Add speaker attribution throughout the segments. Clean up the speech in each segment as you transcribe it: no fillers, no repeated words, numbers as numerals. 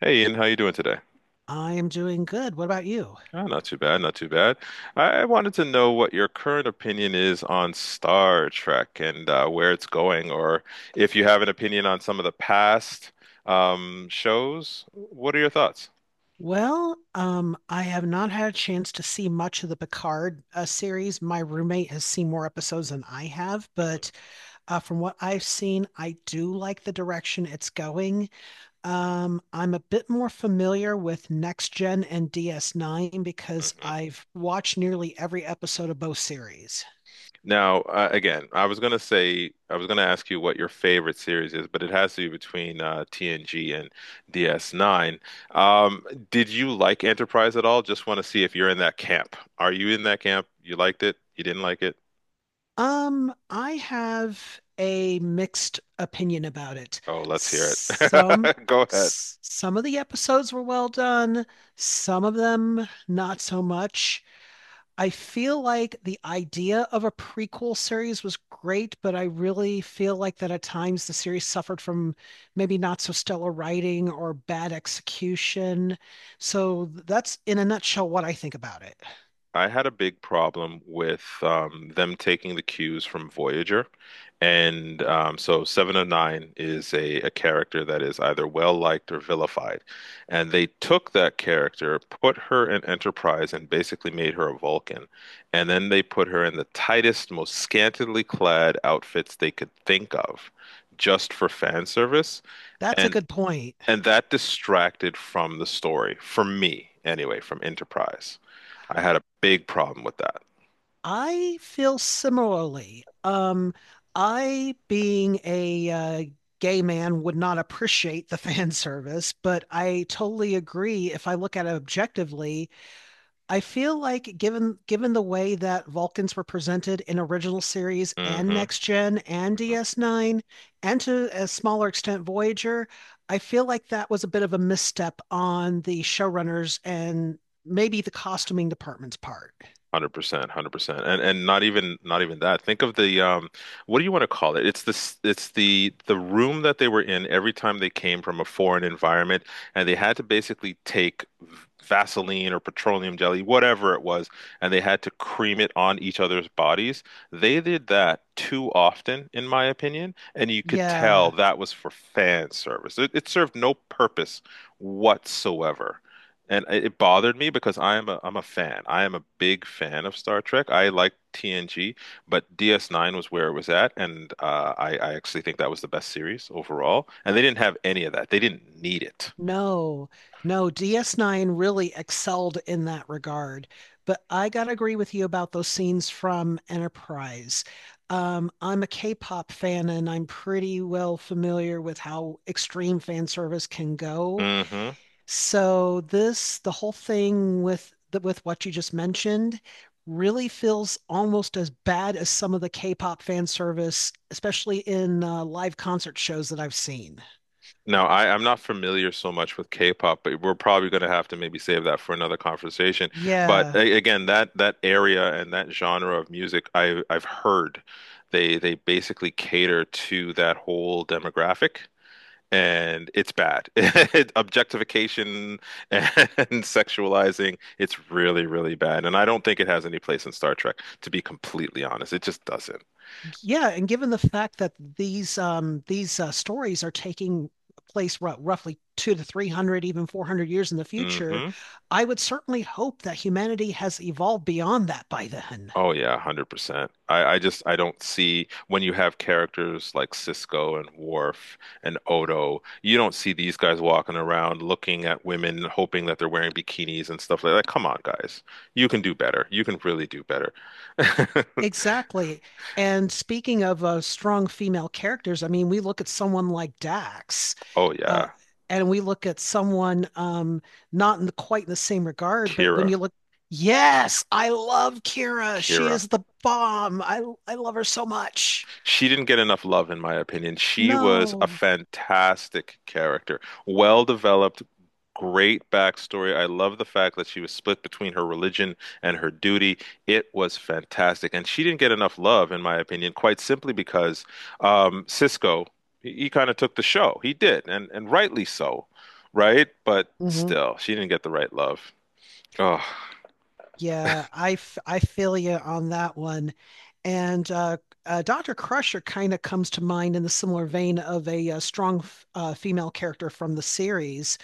Speaker 1: Hey, Ian, how you doing today?
Speaker 2: I am doing good. What about you?
Speaker 1: Oh, not too bad, not too bad. I wanted to know what your current opinion is on Star Trek and where it's going, or if you have an opinion on some of the past shows. What are your thoughts?
Speaker 2: Well, I have not had a chance to see much of the Picard series. My roommate has seen more episodes than I have, but from what I've seen, I do like the direction it's going. I'm a bit more familiar with Next Gen and DS9 because
Speaker 1: Mhm.
Speaker 2: I've watched nearly every episode of both series.
Speaker 1: Now, again, I was gonna ask you what your favorite series is, but it has to be between TNG and DS9. Um, did you like Enterprise at all? Just want to see if you're in that camp. Are you in that camp? You liked it? You didn't like?
Speaker 2: I have a mixed opinion about it.
Speaker 1: Oh, let's hear
Speaker 2: Some
Speaker 1: it. Go ahead.
Speaker 2: some of the episodes were well done, some of them not so much. I feel like the idea of a prequel series was great, but I really feel like that at times the series suffered from maybe not so stellar writing or bad execution. So that's in a nutshell what I think about it.
Speaker 1: I had a big problem with them taking the cues from Voyager. And so Seven of Nine is a character that is either well liked or vilified. And they took that character, put her in Enterprise, and basically made her a Vulcan. And then they put her in the tightest, most scantily clad outfits they could think of just for fan service.
Speaker 2: That's a
Speaker 1: And
Speaker 2: good point.
Speaker 1: that distracted from the story for me, anyway, from Enterprise. I had a big problem with that.
Speaker 2: I feel similarly. I, being a gay man, would not appreciate the fan service, but I totally agree. If I look at it objectively, I feel like given the way that Vulcans were presented in original series and
Speaker 1: Mm-hmm.
Speaker 2: Next Gen and DS9, and to a smaller extent Voyager, I feel like that was a bit of a misstep on the showrunners and maybe the costuming department's part.
Speaker 1: 100%, 100%, and not even, not even that. Think of the what do you want to call it? It's this, it's the room that they were in every time they came from a foreign environment, and they had to basically take Vaseline or petroleum jelly, whatever it was, and they had to cream it on each other's bodies. They did that too often, in my opinion, and you could tell
Speaker 2: Yeah.
Speaker 1: that was for fan service. It served no purpose whatsoever. And it bothered me because I'm a fan. I am a big fan of Star Trek. I like TNG, but DS9 was where it was at, and I actually think that was the best series overall. And they didn't have any of that. They didn't need it.
Speaker 2: No, no, DS9 really excelled in that regard. But I gotta agree with you about those scenes from Enterprise. I'm a K-pop fan and I'm pretty well familiar with how extreme fan service can go.
Speaker 1: Hmm.
Speaker 2: So the whole thing with with what you just mentioned, really feels almost as bad as some of the K-pop fan service, especially in live concert shows that I've seen.
Speaker 1: Now, I'm not familiar so much with K-pop, but we're probably going to have to maybe save that for another conversation. But
Speaker 2: Yeah.
Speaker 1: again, that area and that genre of music, I've heard they basically cater to that whole demographic. And it's bad. Objectification and sexualizing, it's really, really bad. And I don't think it has any place in Star Trek, to be completely honest. It just doesn't.
Speaker 2: Yeah, and given the fact that these stories are taking place roughly two to three hundred, even 400 years in the future,
Speaker 1: Hmm.
Speaker 2: I would certainly hope that humanity has evolved beyond that by then.
Speaker 1: Oh yeah, 100%. I just I don't see, when you have characters like Cisco and Worf and Odo, you don't see these guys walking around looking at women hoping that they're wearing bikinis and stuff like that. Come on, guys. You can do better. You can really do better.
Speaker 2: Exactly. And speaking of strong female characters, I mean, we look at someone like Dax,
Speaker 1: Oh
Speaker 2: uh,
Speaker 1: yeah.
Speaker 2: and we look at someone not in quite in the same regard, but when
Speaker 1: Kira.
Speaker 2: you look, yes, I love Kira. She
Speaker 1: Kira.
Speaker 2: is the bomb. I love her so much.
Speaker 1: She didn't get enough love, in my opinion. She was a
Speaker 2: No.
Speaker 1: fantastic character, well developed, great backstory. I love the fact that she was split between her religion and her duty. It was fantastic. And she didn't get enough love, in my opinion, quite simply because Cisco, he kind of took the show. He did, and rightly so, right? But
Speaker 2: Hmm.
Speaker 1: still, she didn't get the right love. Oh.
Speaker 2: I feel you on that one. And Dr. Crusher kind of comes to mind in the similar vein of a female character from the series.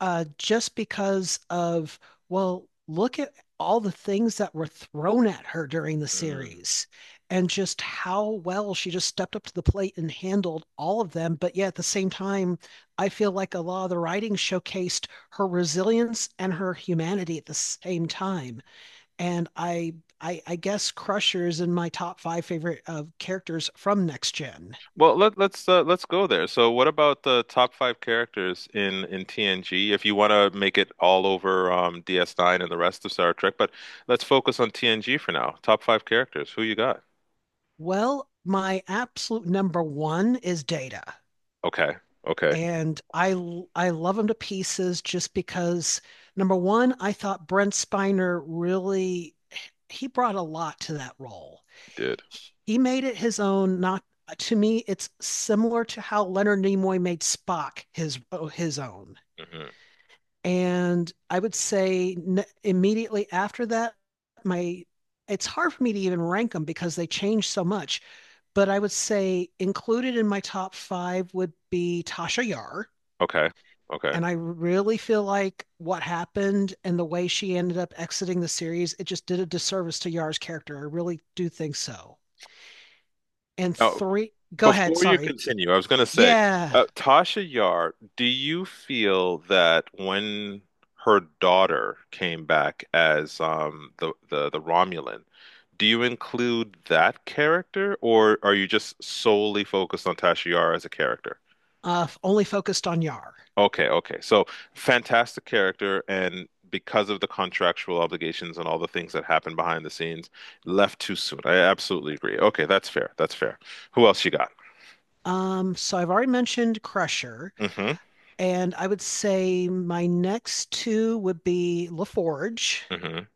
Speaker 2: Just because well, look at all the things that were thrown at her during the series and just how well she just stepped up to the plate and handled all of them. But yet at the same time, I feel like a lot of the writing showcased her resilience and her humanity at the same time. And I, I guess Crusher is in my top five favorite characters from Next Gen.
Speaker 1: Well, let's go there. So, what about the top five characters in TNG? If you want to make it all over DS9 and the rest of Star Trek, but let's focus on TNG for now. Top five characters. Who you got?
Speaker 2: Well, my absolute number one is Data.
Speaker 1: Okay, okay,
Speaker 2: And I love him to pieces just because number one, I thought Brent Spiner really he brought a lot to that role.
Speaker 1: you did.
Speaker 2: He made it his own. Not to me, it's similar to how Leonard Nimoy made Spock his own.
Speaker 1: Hmm.
Speaker 2: And I would say immediately after that, my it's hard for me to even rank them because they change so much. But I would say included in my top five would be Tasha Yar
Speaker 1: Okay, okay.
Speaker 2: and I really feel like what happened and the way she ended up exiting the series, it just did a disservice to Yar's character. I really do think so. And
Speaker 1: Now,
Speaker 2: three, go ahead.
Speaker 1: before you
Speaker 2: Sorry.
Speaker 1: continue, I was going to say,
Speaker 2: Yeah.
Speaker 1: Tasha Yar, do you feel that when her daughter came back as the, the Romulan, do you include that character, or are you just solely focused on Tasha Yar as a character?
Speaker 2: Only focused on Yar.
Speaker 1: Okay, okay. So fantastic character, and because of the contractual obligations and all the things that happened behind the scenes, left too soon. I absolutely agree. Okay, that's fair. That's fair. Who else you got?
Speaker 2: So I've already mentioned Crusher,
Speaker 1: Hmm.
Speaker 2: and I would say my next two would be LaForge.
Speaker 1: Hmm.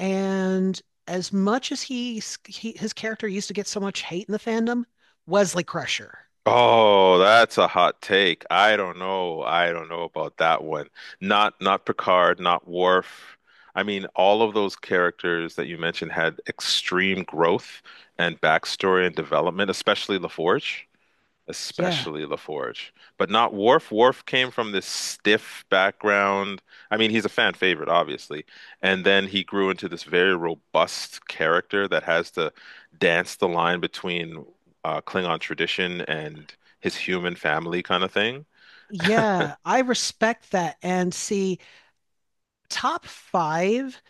Speaker 2: And as much as He his character used to get so much hate in the fandom, Wesley Crusher.
Speaker 1: Oh, that's a hot take. I don't know. I don't know about that one. Not not Picard, not Worf. I mean, all of those characters that you mentioned had extreme growth and backstory and development, especially LaForge,
Speaker 2: Yeah.
Speaker 1: especially LaForge, but not Worf. Worf came from this stiff background. I mean, he's a fan favorite, obviously, and then he grew into this very robust character that has to dance the line between Klingon tradition and his human family kind of thing.
Speaker 2: Yeah, I respect that. And see, top five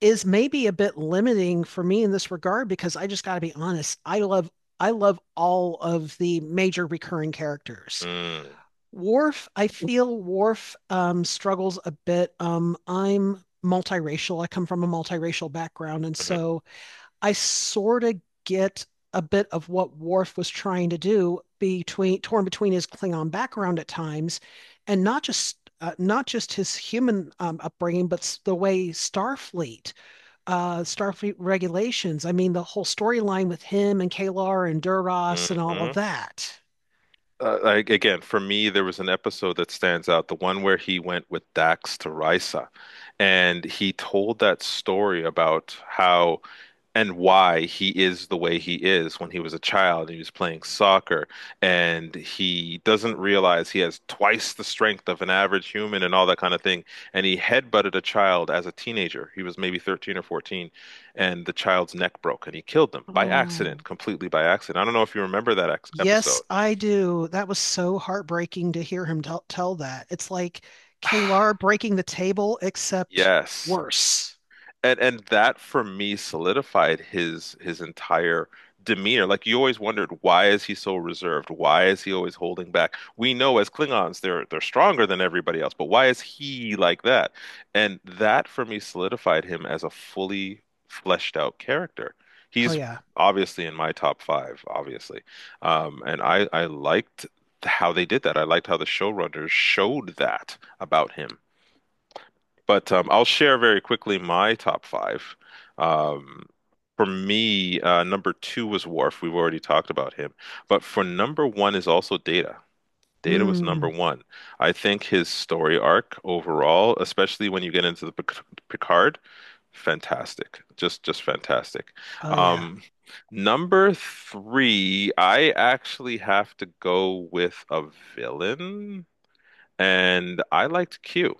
Speaker 2: is maybe a bit limiting for me in this regard because I just got to be honest. I love all of the major recurring characters.
Speaker 1: Mm-hmm.
Speaker 2: Worf, I feel Worf struggles a bit. I'm multiracial. I come from a multiracial background, and
Speaker 1: Mm-hmm.
Speaker 2: so I sort of get a bit of what Worf was trying to do between torn between his Klingon background at times, and not just not just his human upbringing, but the way Starfleet regulations. I mean, the whole storyline with him and Kalar and Duras and all of
Speaker 1: Mm-hmm.
Speaker 2: that.
Speaker 1: Like again, for me, there was an episode that stands out, the one where he went with Dax to Risa, and he told that story about how and why he is the way he is when he was a child and he was playing soccer, and he doesn't realize he has twice the strength of an average human and all that kind of thing. And he headbutted a child as a teenager. He was maybe 13 or 14, and the child's neck broke, and he killed them by accident,
Speaker 2: Oh,
Speaker 1: completely by accident. I don't know if you remember that ex
Speaker 2: yes,
Speaker 1: episode.
Speaker 2: I do. That was so heartbreaking to hear him tell that. It's like Kalar breaking the table, except
Speaker 1: Yes.
Speaker 2: worse.
Speaker 1: And that for me solidified his entire demeanor. Like you always wondered, why is he so reserved? Why is he always holding back? We know as Klingons they're stronger than everybody else, but why is he like that? And that for me solidified him as a fully fleshed out character.
Speaker 2: Oh
Speaker 1: He's
Speaker 2: yeah.
Speaker 1: obviously in my top five, obviously. And I liked how they did that. I liked how the showrunners showed that about him. But I'll share very quickly my top five. Um, for me, number two was Worf. We've already talked about him. But for number one is also Data. Data was number
Speaker 2: Mm,
Speaker 1: one. I think his story arc overall, especially when you get into the Picard, fantastic. Just fantastic.
Speaker 2: oh yeah.
Speaker 1: Um, number three, I actually have to go with a villain, and I liked Q.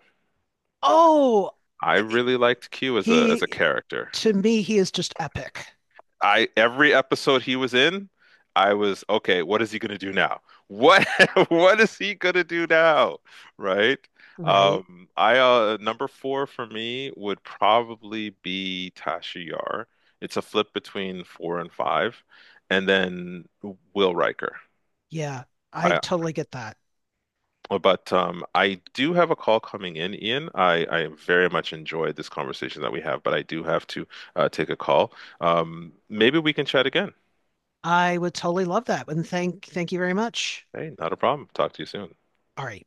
Speaker 2: Oh,
Speaker 1: I
Speaker 2: eh, eh,
Speaker 1: really liked Q as a
Speaker 2: he
Speaker 1: character.
Speaker 2: to me he is just epic,
Speaker 1: I every episode he was in, I was okay, what is he going to do now? What what is he going to do now? Right?
Speaker 2: right?
Speaker 1: I number 4 for me would probably be Tasha Yar. It's a flip between 4 and 5, and then Will Riker.
Speaker 2: Yeah, I
Speaker 1: I
Speaker 2: totally get that.
Speaker 1: Well, but I do have a call coming in, Ian. I very much enjoyed this conversation that we have, but I do have to take a call. Maybe we can chat again.
Speaker 2: I would totally love that. And thank you very much.
Speaker 1: Hey, not a problem. Talk to you soon.
Speaker 2: All right.